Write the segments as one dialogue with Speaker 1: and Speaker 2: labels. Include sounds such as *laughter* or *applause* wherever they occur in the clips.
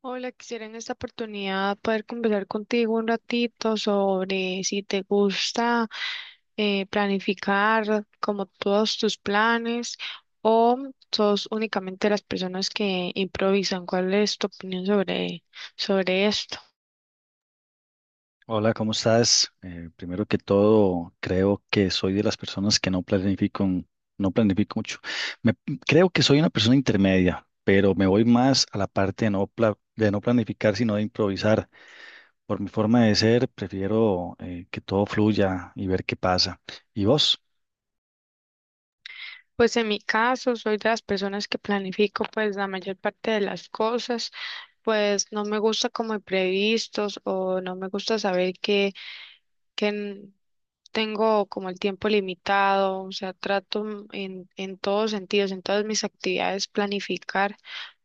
Speaker 1: Hola, quisiera en esta oportunidad poder conversar contigo un ratito sobre si te gusta planificar como todos tus planes o sos únicamente las personas que improvisan. ¿Cuál es tu opinión sobre, sobre esto?
Speaker 2: Hola, ¿cómo estás? Primero que todo, creo que soy de las personas que no planifico, no planifico mucho. Me- Creo que soy una persona intermedia, pero me voy más a la parte de no, de no planificar, sino de improvisar. Por mi forma de ser, prefiero que todo fluya y ver qué pasa. ¿Y vos?
Speaker 1: Pues en mi caso, soy de las personas que planifico pues la mayor parte de las cosas, pues no me gusta como imprevistos o no me gusta saber que, que n- tengo como el tiempo limitado, o sea, trato en todos sentidos, en todas mis actividades planificar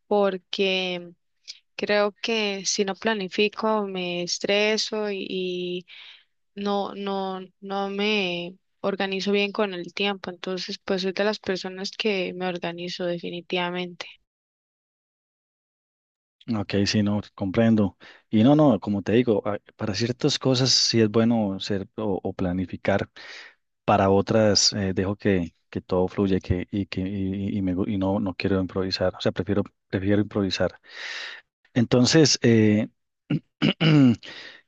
Speaker 1: porque creo que si no planifico me estreso y no, no, no me organizo bien con el tiempo, entonces pues soy de las personas que me organizo definitivamente.
Speaker 2: Ok, sí, no, comprendo. Y no, no, como te digo, para ciertas cosas sí es bueno ser o planificar. Para otras dejo que todo fluya y y y no, no quiero improvisar. O sea, prefiero, prefiero improvisar. Entonces, *clears throat*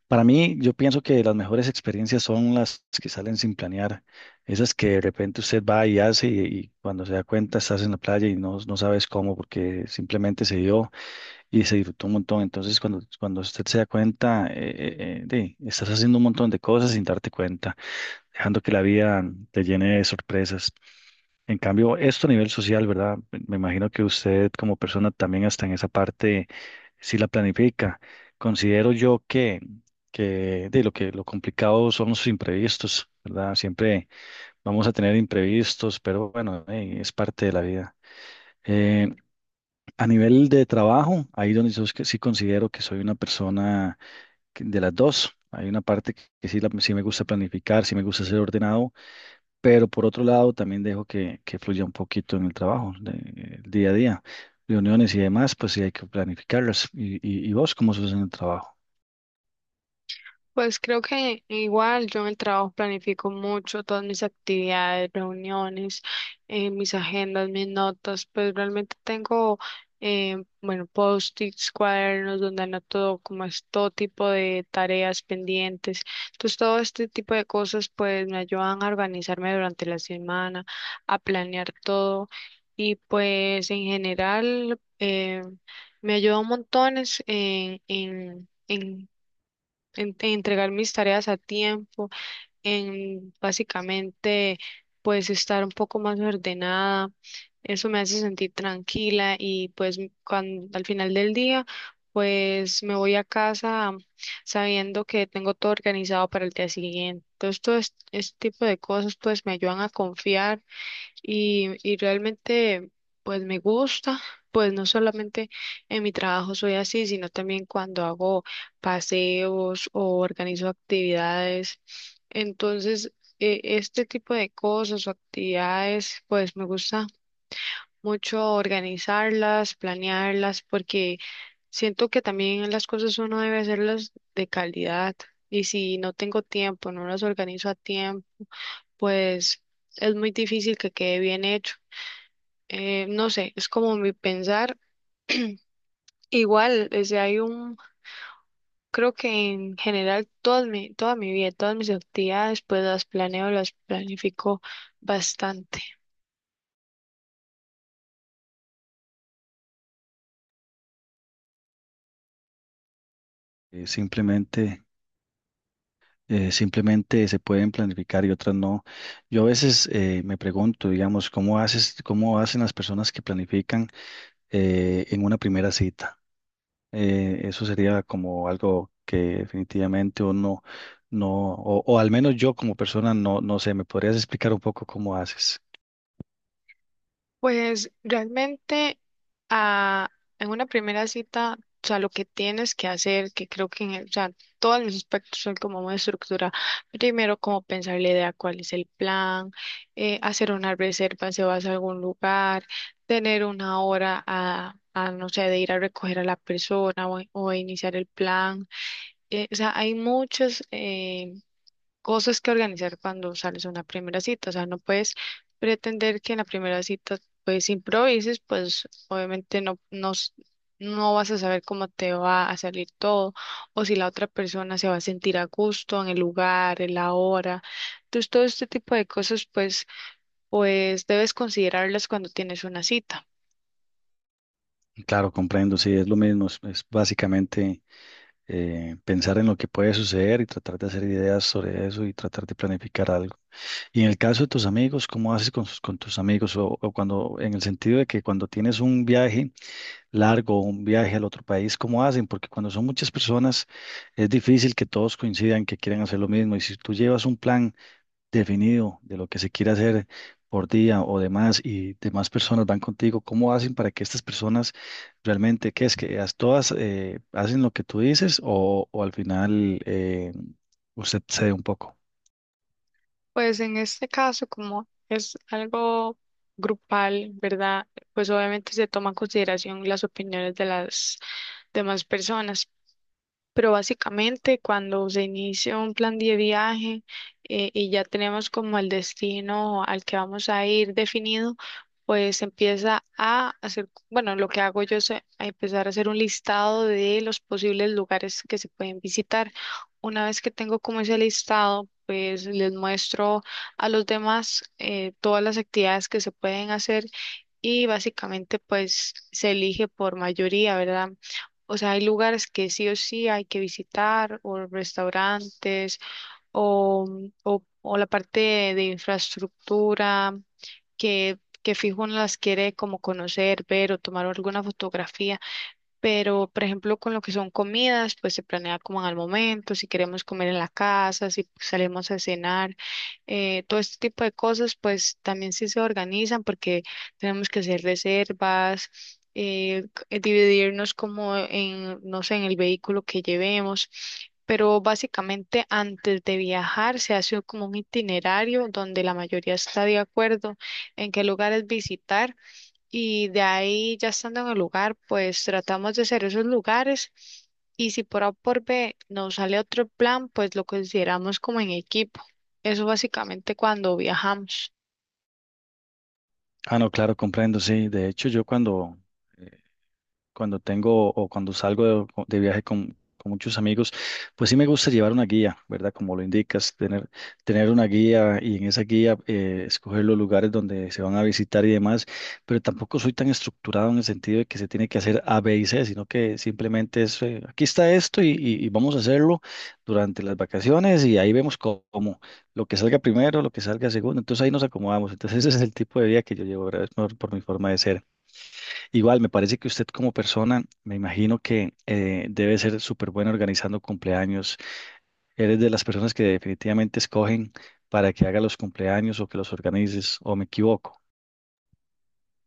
Speaker 2: para mí, yo pienso que las mejores experiencias son las que salen sin planear. Esas que de repente usted va y hace y cuando se da cuenta estás en la playa y no, no sabes cómo porque simplemente se dio y se disfrutó un montón. Entonces, cuando usted se da cuenta, estás haciendo un montón de cosas sin darte cuenta, dejando que la vida te llene de sorpresas. En cambio, esto a nivel social, ¿verdad? Me imagino que usted como persona también hasta en esa parte sí la planifica. Considero yo que de lo que lo complicado son los imprevistos, ¿verdad? Siempre vamos a tener imprevistos, pero bueno, es parte de la vida. Eh, a nivel de trabajo, ahí donde yo es que sí considero que soy una persona de las dos. Hay una parte que sí, sí me gusta planificar, sí me gusta ser ordenado, pero por otro lado, también dejo que fluya un poquito en el trabajo, el día a día, reuniones y demás, pues sí hay que planificarlas. Y vos cómo sos en el trabajo?
Speaker 1: Pues creo que igual yo en el trabajo planifico mucho todas mis actividades, reuniones, mis agendas, mis notas, pues realmente tengo, bueno, post-its, cuadernos donde anoto como es todo tipo de tareas pendientes. Entonces todo este tipo de cosas pues me ayudan a organizarme durante la semana, a planear todo y pues en general me ayuda un montón es en entregar mis tareas a tiempo, en básicamente pues estar un poco más ordenada. Eso me hace sentir tranquila y pues cuando, al final del día pues me voy a casa sabiendo que tengo todo organizado para el día siguiente. Entonces este tipo de cosas pues me ayudan a confiar y realmente pues me gusta, pues no solamente en mi trabajo soy así, sino también cuando hago paseos o organizo actividades. Entonces, este tipo de cosas o actividades, pues me gusta mucho organizarlas, planearlas, porque siento que también las cosas uno debe hacerlas de calidad. Y si no tengo tiempo, no las organizo a tiempo, pues es muy difícil que quede bien hecho, no sé, es como mi pensar. Igual, creo que en general toda mi vida, todas mis actividades, pues las planeo, las planifico bastante.
Speaker 2: Eh, simplemente, simplemente se pueden planificar y otras no. Yo a veces me pregunto, digamos, ¿cómo haces, cómo hacen las personas que planifican en una primera cita? Eso sería como algo que definitivamente uno no, no, o al menos yo como persona no, no sé, ¿me podrías explicar un poco cómo haces?
Speaker 1: Pues realmente ah, en una primera cita, o sea, lo que tienes que hacer, que creo que o sea, todos los aspectos son como una estructura. Primero, como pensar la idea, cuál es el plan, hacer una reserva si vas a algún lugar, tener una hora a, no sé, de ir a recoger a la persona o iniciar el plan. O sea, hay muchos cosas que organizar cuando sales a una primera cita. O sea, no puedes pretender que en la primera cita pues improvises, pues obviamente no, no, no vas a saber cómo te va a salir todo o si la otra persona se va a sentir a gusto en el lugar, en la hora. Entonces, todo este tipo de cosas pues, pues debes considerarlas cuando tienes una cita.
Speaker 2: Claro, comprendo, sí, es lo mismo, es básicamente pensar en lo que puede suceder y tratar de hacer ideas sobre eso y tratar de planificar algo. Y en el caso de tus amigos, ¿cómo haces con, con tus amigos? O cuando, en el sentido de que cuando tienes un viaje largo, un viaje al otro país, ¿cómo hacen? Porque cuando son muchas personas es difícil que todos coincidan que quieran hacer lo mismo. Y si tú llevas un plan definido de lo que se quiere hacer por día o demás y demás personas van contigo, ¿cómo hacen para que estas personas realmente, qué es todas hacen lo que tú dices o al final usted cede un poco?
Speaker 1: Pues en este caso, como es algo grupal, ¿verdad? Pues obviamente se toma en consideración las opiniones de las demás personas. Pero básicamente cuando se inicia un plan de viaje, y ya tenemos como el destino al que vamos a ir definido, pues empieza a hacer, bueno, lo que hago yo es a empezar a hacer un listado de los posibles lugares que se pueden visitar. Una vez que tengo como ese listado, pues les muestro a los demás todas las actividades que se pueden hacer y básicamente pues se elige por mayoría, ¿verdad? O sea, hay lugares que sí o sí hay que visitar, o restaurantes, o, o la parte de infraestructura que fijo uno las quiere como conocer, ver o tomar alguna fotografía. Pero, por ejemplo, con lo que son comidas, pues se planea como al momento, si queremos comer en la casa, si salimos a cenar, todo este tipo de cosas, pues también sí se organizan porque tenemos que hacer reservas, dividirnos como en, no sé, en el vehículo que llevemos. Pero básicamente antes de viajar se hace como un itinerario donde la mayoría está de acuerdo en qué lugares visitar y de ahí, ya estando en el lugar, pues tratamos de hacer esos lugares. Y si por A o por B nos sale otro plan, pues lo consideramos como en equipo. Eso básicamente cuando viajamos.
Speaker 2: Ah, no, claro, comprendo, sí. De hecho, yo cuando eh, cuando tengo o cuando salgo de viaje con muchos amigos, pues sí me gusta llevar una guía, ¿verdad? Como lo indicas, tener, tener una guía y en esa guía escoger los lugares donde se van a visitar y demás, pero tampoco soy tan estructurado en el sentido de que se tiene que hacer A, B y C, sino que simplemente es, aquí está esto y vamos a hacerlo durante las vacaciones y ahí vemos cómo, lo que salga primero, lo que salga segundo, entonces ahí nos acomodamos, entonces ese es el tipo de vida que yo llevo, ¿verdad? Es por mi forma de ser. Igual, me parece que usted como persona, me imagino que debe ser súper buena organizando cumpleaños. Eres de las personas que definitivamente escogen para que haga los cumpleaños o que los organices, o me equivoco.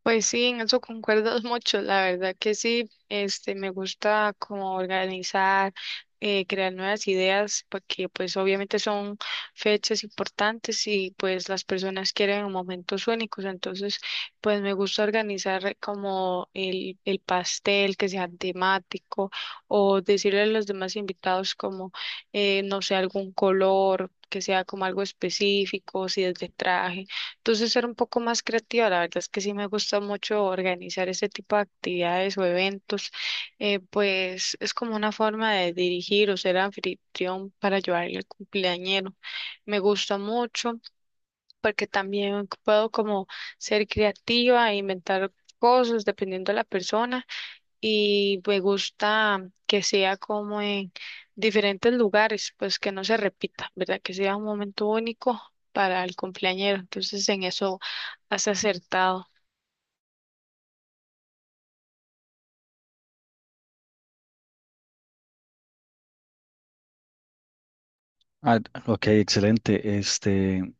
Speaker 1: Pues sí, en eso concuerdo *laughs* mucho, la verdad que sí, este, me gusta como organizar, crear nuevas ideas, porque pues obviamente son fechas importantes y pues las personas quieren momentos únicos, entonces pues me gusta organizar como el pastel que sea temático o decirle a los demás invitados como, no sé, algún color, que sea como algo específico, si es de traje. Entonces ser un poco más creativa, la verdad es que sí me gusta mucho organizar este tipo de actividades o eventos, pues es como una forma de dirigir o ser anfitrión para ayudarle al cumpleañero. Me gusta mucho porque también puedo como ser creativa e inventar cosas dependiendo de la persona y me gusta que sea como en diferentes lugares, pues que no se repita, ¿verdad? Que sea un momento único para el cumpleañero. Entonces, en eso has acertado.
Speaker 2: Ah, ok, excelente. Este,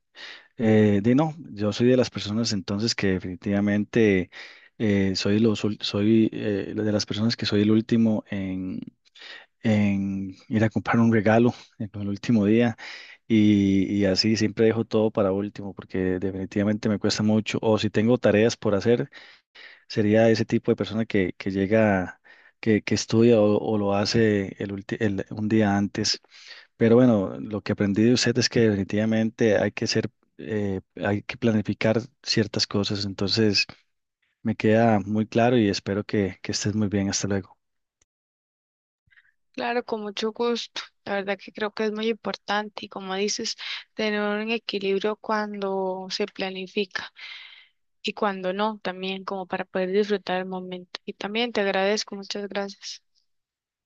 Speaker 2: di no, yo soy de las personas entonces que definitivamente soy de las personas que soy el último en ir a comprar un regalo en el último día. Y así siempre dejo todo para último porque definitivamente me cuesta mucho. O si tengo tareas por hacer, sería ese tipo de persona que llega, que estudia o lo hace el un día antes. Pero bueno, lo que aprendí de usted es que definitivamente hay que ser, hay que planificar ciertas cosas. Entonces me queda muy claro y espero que estés muy bien. Hasta luego.
Speaker 1: Claro, con mucho gusto. La verdad que creo que es muy importante y como dices, tener un equilibrio cuando se planifica y cuando no, también como para poder disfrutar el momento. Y también te agradezco, muchas gracias.